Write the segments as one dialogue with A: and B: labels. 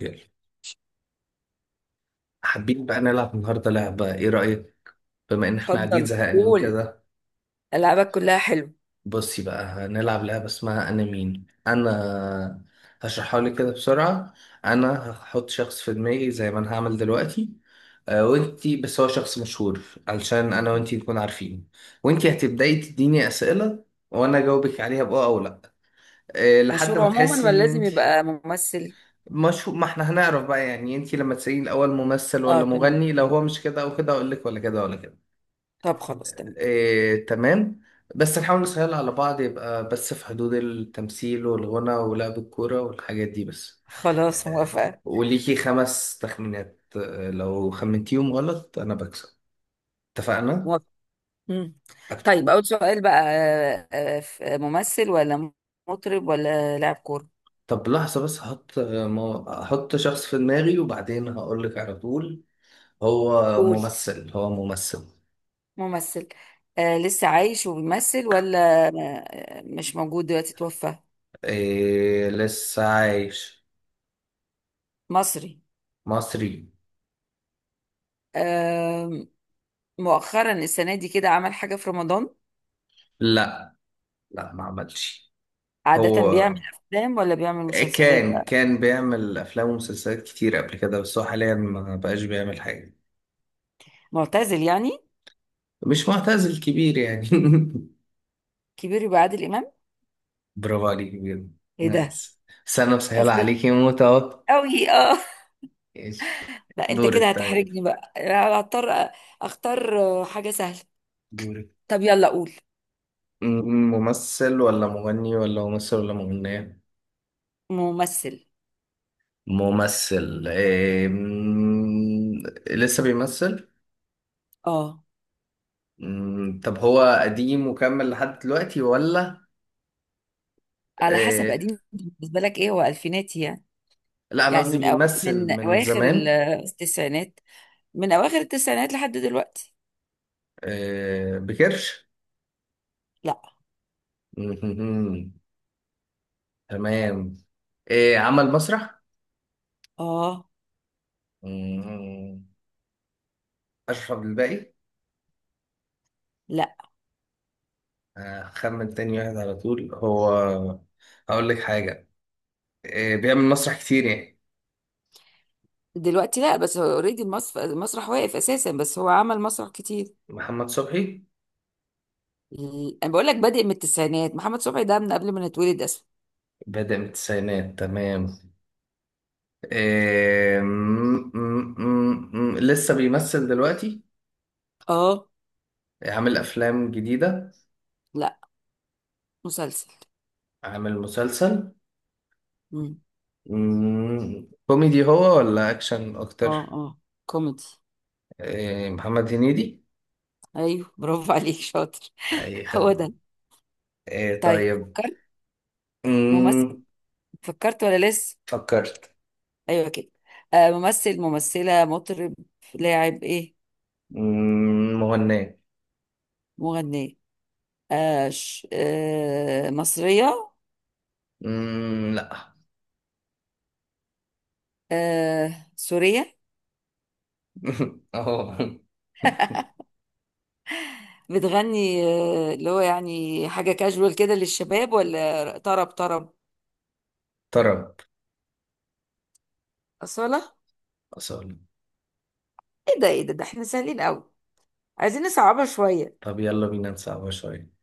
A: يلا، حابين بقى نلعب النهاردة لعبة، ايه رأيك؟ بما ان احنا قاعدين
B: اتفضل
A: زهقانين
B: قول.
A: كده.
B: ألعابك كلها حلو.
A: بصي بقى هنلعب لعبة اسمها انا مين انا. هشرحها لك كده بسرعة. انا هحط شخص في دماغي زي ما انا هعمل دلوقتي. وانتي بس هو شخص مشهور، علشان انا
B: مهم.
A: وانتي نكون عارفين. وانتي هتبدأي تديني اسئلة وانا اجاوبك عليها بأه او لا. لحد
B: مشهور
A: ما
B: عموما
A: تحسي
B: ولا
A: ان
B: لازم
A: انتي
B: يبقى ممثل؟
A: مشهور، ما احنا هنعرف بقى. يعني انتي لما تسألين الاول ممثل
B: اه،
A: ولا
B: تمام،
A: مغني، لو
B: حلو.
A: هو مش كده او كده اقول لك ولا كده ولا كده.
B: طب خلاص، تمام.
A: إيه، تمام. بس نحاول نسهلها على بعض، يبقى بس في حدود التمثيل والغنى ولعب الكورة والحاجات دي بس.
B: خلاص
A: آه،
B: موافقة.
A: وليكي 5 تخمينات. لو خمنتيهم غلط أنا بكسب، اتفقنا؟
B: موافقة. مم.
A: أك-
B: طيب أول سؤال بقى، ممثل ولا مطرب ولا لاعب كورة؟
A: طب لحظة بس هحط هحط شخص في دماغي وبعدين هقولك على طول. هو
B: قول.
A: ممثل، هو ممثل.
B: ممثل. آه، لسه عايش وبيمثل ولا مش موجود دلوقتي، توفى؟
A: إيه، لسه عايش.
B: مصري؟
A: مصري.
B: آه. مؤخرا السنة دي كده عمل حاجة في رمضان؟
A: لا، لا ما عملش.
B: عادة
A: هو
B: بيعمل أفلام ولا بيعمل مسلسلات؟
A: كان بيعمل افلام ومسلسلات كتير قبل كده، بس هو حاليا ما بقاش بيعمل حاجه.
B: معتزل يعني؟
A: مش معتزل، كبير يعني.
B: كبير يبقى عادل امام.
A: برافو عليك بجد.
B: ايه ده!
A: نايس. بس انا مسهله
B: اصل
A: عليك يا موت اهو.
B: قوي، اه.
A: ماشي.
B: لا، انت كده
A: دورك، طيب.
B: هتحرجني بقى أنا هضطر اختار حاجه سهله.
A: دورك.
B: طب يلا قول.
A: م- ممثل ولا مغني، ولا ممثل ولا مغنيه؟
B: ممثل.
A: ممثل، إيه لسه بيمثل.
B: اه.
A: طب هو قديم وكمل لحد دلوقتي ولا؟
B: على حسب،
A: إيه،
B: قديم بالنسبه لك ايه هو الفيناتي يعني؟
A: لا انا
B: يعني
A: قصدي بيمثل
B: من
A: من
B: اواخر
A: زمان.
B: التسعينات. من اواخر التسعينات لحد دلوقتي.
A: آه، بكرش.
B: لا.
A: مهمهم. تمام. آه، عمل مسرح.
B: اه.
A: مهم. أشرف عبد الباقي.
B: لا.
A: هخمن تاني واحد على طول هو، هقول لك حاجة. آه، بيعمل مسرح كتير يعني؟
B: دلوقتي لا، بس هو اوريدي المسرح واقف اساسا، بس هو عمل مسرح كتير.
A: محمد صبحي.
B: انا بقول لك بادئ من التسعينات، محمد صبحي ده من قبل ما نتولد اصلا.
A: بدأ من التسعينات، تمام. آه لسه بيمثل دلوقتي؟
B: اه.
A: عامل أفلام جديدة؟
B: لا. مسلسل.
A: عامل مسلسل.
B: مم.
A: كوميدي هو ولا أكشن
B: اه،
A: أكتر؟
B: اه. كوميدي.
A: آه، محمد هنيدي.
B: ايوه، برافو عليك، شاطر.
A: اي
B: هو
A: خدمة.
B: ده.
A: إيه،
B: طيب
A: طيب.
B: فكرت؟ ممثل.
A: مم.
B: فكرت ولا لسه؟
A: فكرت.
B: ايوه كده. آه، ممثل ممثلة مطرب لاعب ايه؟
A: مغنية.
B: مغنية. آه، مصرية؟
A: لا.
B: آه، سورية؟
A: اهو.
B: بتغني اللي هو يعني حاجة كاجوال كده للشباب ولا طرب طرب؟
A: طرب.
B: أصالة.
A: اصلا.
B: ايه ده! ايه ده! ده احنا سهلين قوي. عايزين نصعبها شوية.
A: طب يلا بينا نصعبها شوية.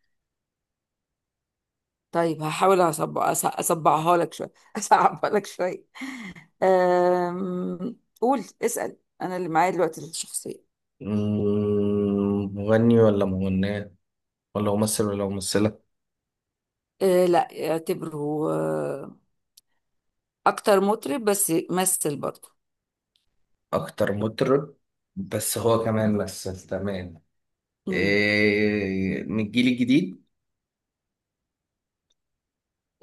B: طيب هحاول أصبعها لك شوية. أصعبها لك شوية. قول، اسأل، أنا اللي معايا دلوقتي الشخصية.
A: مغني ولا مغنية، ولا ممثل ولا ممثلة؟
B: أه لا، اعتبره أكتر مطرب بس مثل برضه.
A: اكتر مطرب، بس هو كمان مثل، تمام.
B: مم.
A: إيه، من الجيل الجديد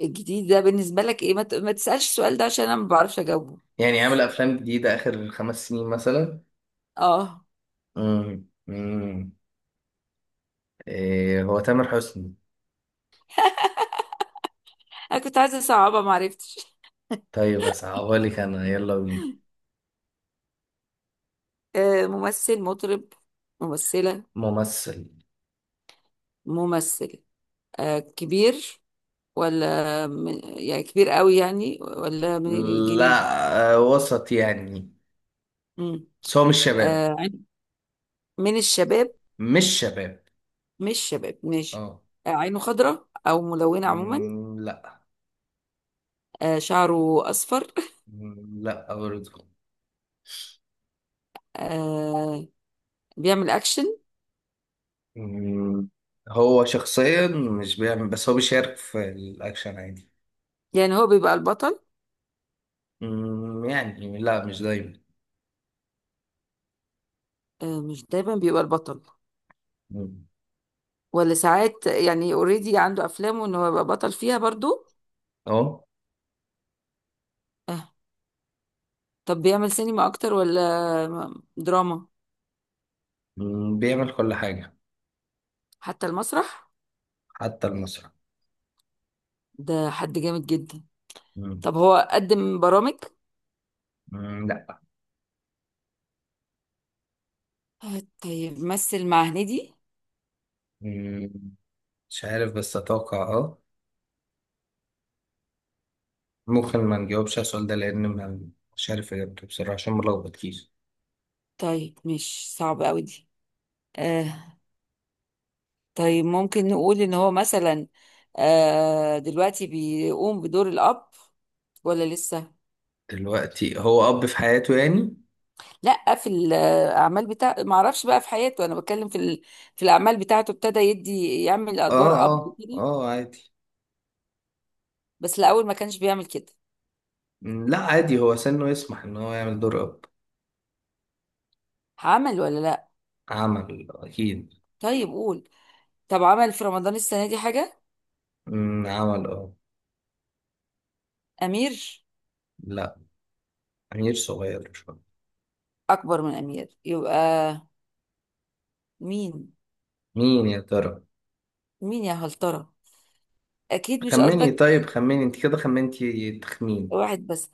B: الجديد ده بالنسبة لك إيه، ما تسألش السؤال ده عشان أنا ما بعرفش أجاوبه.
A: يعني؟ عامل افلام جديدة اخر 5 سنين مثلا؟
B: أه.
A: مم. مم. إيه، هو تامر حسني.
B: أنا كنت عايزة أصعبها ما عرفتش.
A: طيب أصعبها لك أنا، يلا بينا.
B: أه، ممثل مطرب ممثلة.
A: ممثل.
B: ممثل. أه، كبير ولا يعني كبير قوي يعني، ولا من الجيل
A: لا، آه، وسط يعني.
B: مم.
A: بس هو مش شباب.
B: آه، عين- من الشباب؟
A: مش شباب،
B: مش شباب، ماشي.
A: اه.
B: آه، عينه خضراء او ملونه عموما؟
A: لا.
B: آه، شعره اصفر؟
A: لا برضه.
B: آه، بيعمل اكشن؟
A: مم، هو شخصيا مش بيعمل، بس هو بيشارك في الأكشن عادي.
B: يعني هو بيبقى البطل؟
A: يعني لا، مش دايما.
B: آه، مش دايما بيبقى البطل.
A: مم،
B: ولا ساعات، يعني اوريدي عنده افلامه ان هو يبقى بطل فيها برضو.
A: اه.
B: آه، طب بيعمل سينما اكتر ولا دراما؟
A: بيعمل كل حاجة.
B: حتى المسرح.
A: حتى المسرح.
B: ده حد جامد جدا.
A: مم،
B: طب هو قدم برامج؟
A: لا.
B: آه، طيب مثل مع هنيدي؟
A: مم، مش عارف بس أتوقع اه. ممكن ما نجاوبش على السؤال ده لأن مش عارف إجابته بصراحة عشان ملخبط كيس.
B: طيب مش صعب قوي دي. آه، طيب ممكن نقول ان هو مثلا دلوقتي بيقوم بدور الاب ولا لسه؟
A: دلوقتي هو أب في حياته يعني؟
B: لا، في الاعمال بتاع ما اعرفش بقى في حياته، انا بتكلم في في الاعمال بتاعته، ابتدى يدي يعمل
A: آه
B: ادوار اب
A: آه
B: كده.
A: آه، عادي.
B: بس الاول ما كانش بيعمل كده.
A: لا عادي، هو سنه يسمح إن هو يعمل دور أب.
B: عمل ولا لا؟
A: عمل أكيد.
B: طيب قول. طب عمل في رمضان السنه دي حاجه؟
A: عمل آه.
B: امير؟
A: لا، أمير صغير شوية.
B: اكبر من امير يبقى. مين؟
A: مين يا ترى؟
B: مين يا هلطره؟ اكيد مش
A: خمني
B: قصدك.
A: طيب، خمني أنت كده خمنتي تخمين.
B: واحد بس.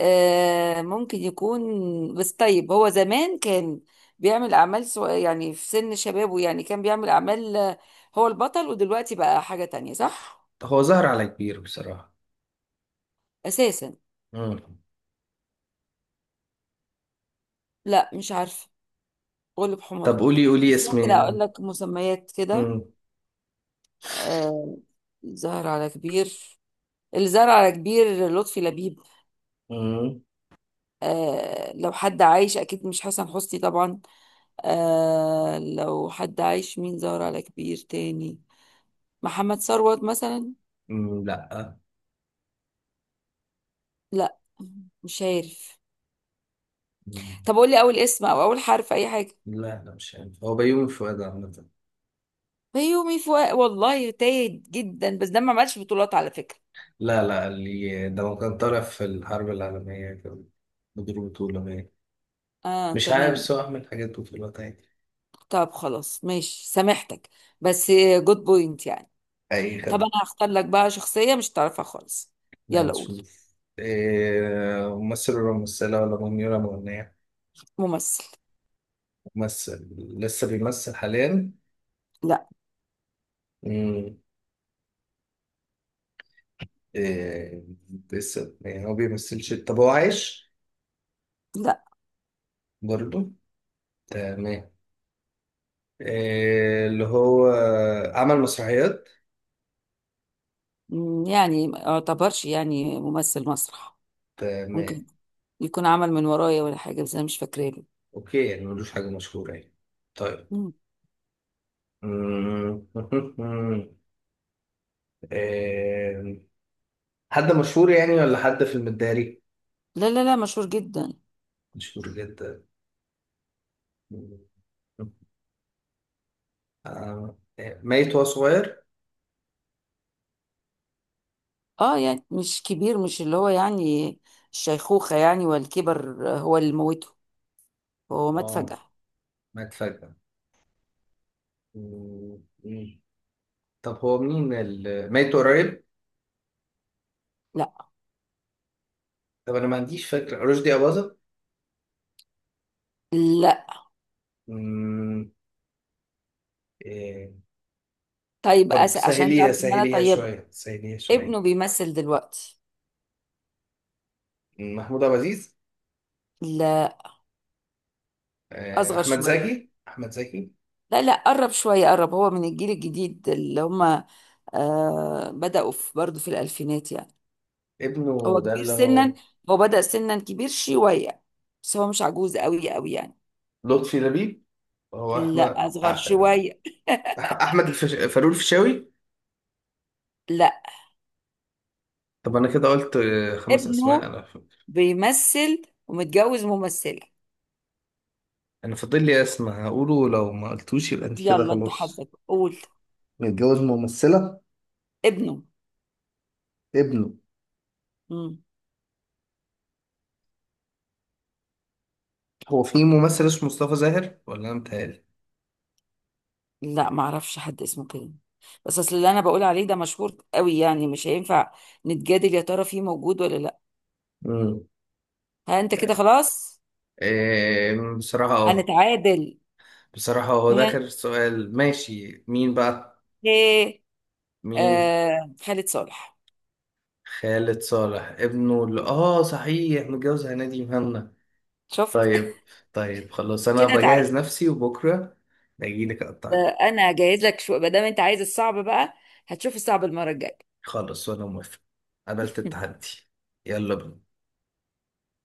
B: آه، ممكن يكون، بس طيب هو زمان كان بيعمل يعني في سن شبابه يعني كان بيعمل أعمال، هو البطل، ودلوقتي بقى حاجة تانية، صح؟
A: هو ظهر على كبير بصراحة.
B: أساسا.
A: مم.
B: لا، مش عارفة. غلب
A: طب
B: حماري.
A: قولي قولي
B: بس ممكن أقول
A: اسمين.
B: لك مسميات كده.
A: مم.
B: آه، الزهر على كبير. الزهر على كبير، لطفي لبيب.
A: مم.
B: لو حد عايش، أكيد مش حسن حسني طبعا. لو حد عايش مين زهر على كبير تاني؟ محمد ثروت مثلا.
A: لا
B: لا. مش عارف. طب قول لي اول اسم او اول حرف، اي حاجه.
A: لا لا، مش عارف هو بيومي فؤاد عامة.
B: بيومي فؤاد، والله تايه جدا، بس ده ما عملش بطولات على فكره.
A: لا لا، اللي ده ما كان طالع في الحرب العالمية كان مدير بطولة باين.
B: اه،
A: مش عارف
B: تمام.
A: بس هو عامل حاجات بطولات عادي.
B: طب خلاص ماشي سامحتك. بس جود بوينت يعني.
A: أي
B: طب
A: خدمة.
B: انا هختار لك بقى شخصيه مش تعرفها خالص. يلا قول.
A: هنشوف. إيه، ممثل ولا ممثلة، ولا مغني ولا مغنية؟
B: ممثل.
A: ممثل. لسه بيمثل حاليا؟
B: لا.
A: مم. إيه، لسه يعني هو بيمثلش. طب هو عايش
B: لا.
A: برضه؟ تمام. إيه اللي هو عمل مسرحيات؟
B: مم، يعني ما يعتبرش يعني ممثل مسرح.
A: تمام.
B: ممكن يكون عمل من ورايا ولا حاجه، بس انا مش فاكراه له.
A: اوكي، يعني ملوش حاجة مشهورة يعني. طيب.
B: مم.
A: مم. آم، حد مشهور يعني ولا حد في المداري؟
B: لا، لا، لا، مشهور جدا.
A: مشهور جدا. آه، ميت وهو صغير.
B: اه، يعني مش كبير، مش اللي هو يعني الشيخوخة يعني والكبر، هو اللي موته. هو مات
A: اه،
B: فجأة.
A: مات فجأة. مم. مم. طب هو مين ميت قريب؟
B: لا.
A: طب انا ما عنديش فكرة. رشدي أباظة؟
B: لا.
A: مم. إيه.
B: طيب
A: طب
B: عشان
A: سهليها
B: تعرف ان انا
A: سهليها
B: طيبة.
A: شوية، سهليها
B: ابنه
A: شوية.
B: بيمثل دلوقتي.
A: محمود عبد العزيز.
B: لا،
A: آه،
B: اصغر
A: أحمد
B: شوية.
A: زكي، أحمد زكي.
B: لا لا، قرب شوية، قرب، هو من الجيل الجديد اللي هم آه بدأوا في برضه في الألفينات يعني.
A: ابنه
B: هو
A: ده
B: كبير
A: اللي
B: سنا.
A: هو
B: هو بدأ سنا كبير شوية. بس هو مش عجوز قوي قوي يعني.
A: لطفي لبيب. هو
B: لا،
A: احمد
B: أصغر شوية.
A: احمد فاروق الفيشاوي.
B: لا.
A: طب انا كده قلت آه، 5 اسماء،
B: ابنه
A: انا
B: بيمثل ومتجوز ممثلة.
A: انا فاضل لي اسم هقوله، لو ما قلتوش يبقى انت كده
B: يلا انت
A: خلاص.
B: حظك، قول.
A: متجوز ممثلة،
B: ابنه.
A: ابنه.
B: مم.
A: هو في ممثل اسمه مصطفى زاهر ولا انا متهيألي؟
B: لا، ما اعرفش حد اسمه كده. بس اصل اللي انا بقول عليه ده مشهور قوي يعني مش هينفع نتجادل. يا ترى فيه موجود ولا لا؟
A: مم.
B: ها انت كده خلاص.
A: إيه بصراحة اه.
B: هنتعادل.
A: بصراحة هو ده
B: ها؟
A: آخر سؤال، ماشي. مين بقى؟
B: ايه.
A: مين.
B: آه، خالد صالح.
A: خالد صالح. ابنه اللي اه صحيح متجوز هنادي مهنا.
B: شفت.
A: طيب. طيب خلاص، انا
B: كده تعالى.
A: بجهز نفسي وبكره اجي لك اقطعك.
B: انا جاهز لك شو ما دام انت عايز الصعب بقى. هتشوف الصعب المرة الجاية.
A: خلاص، وانا موافق. قبلت التحدي. يلا بينا.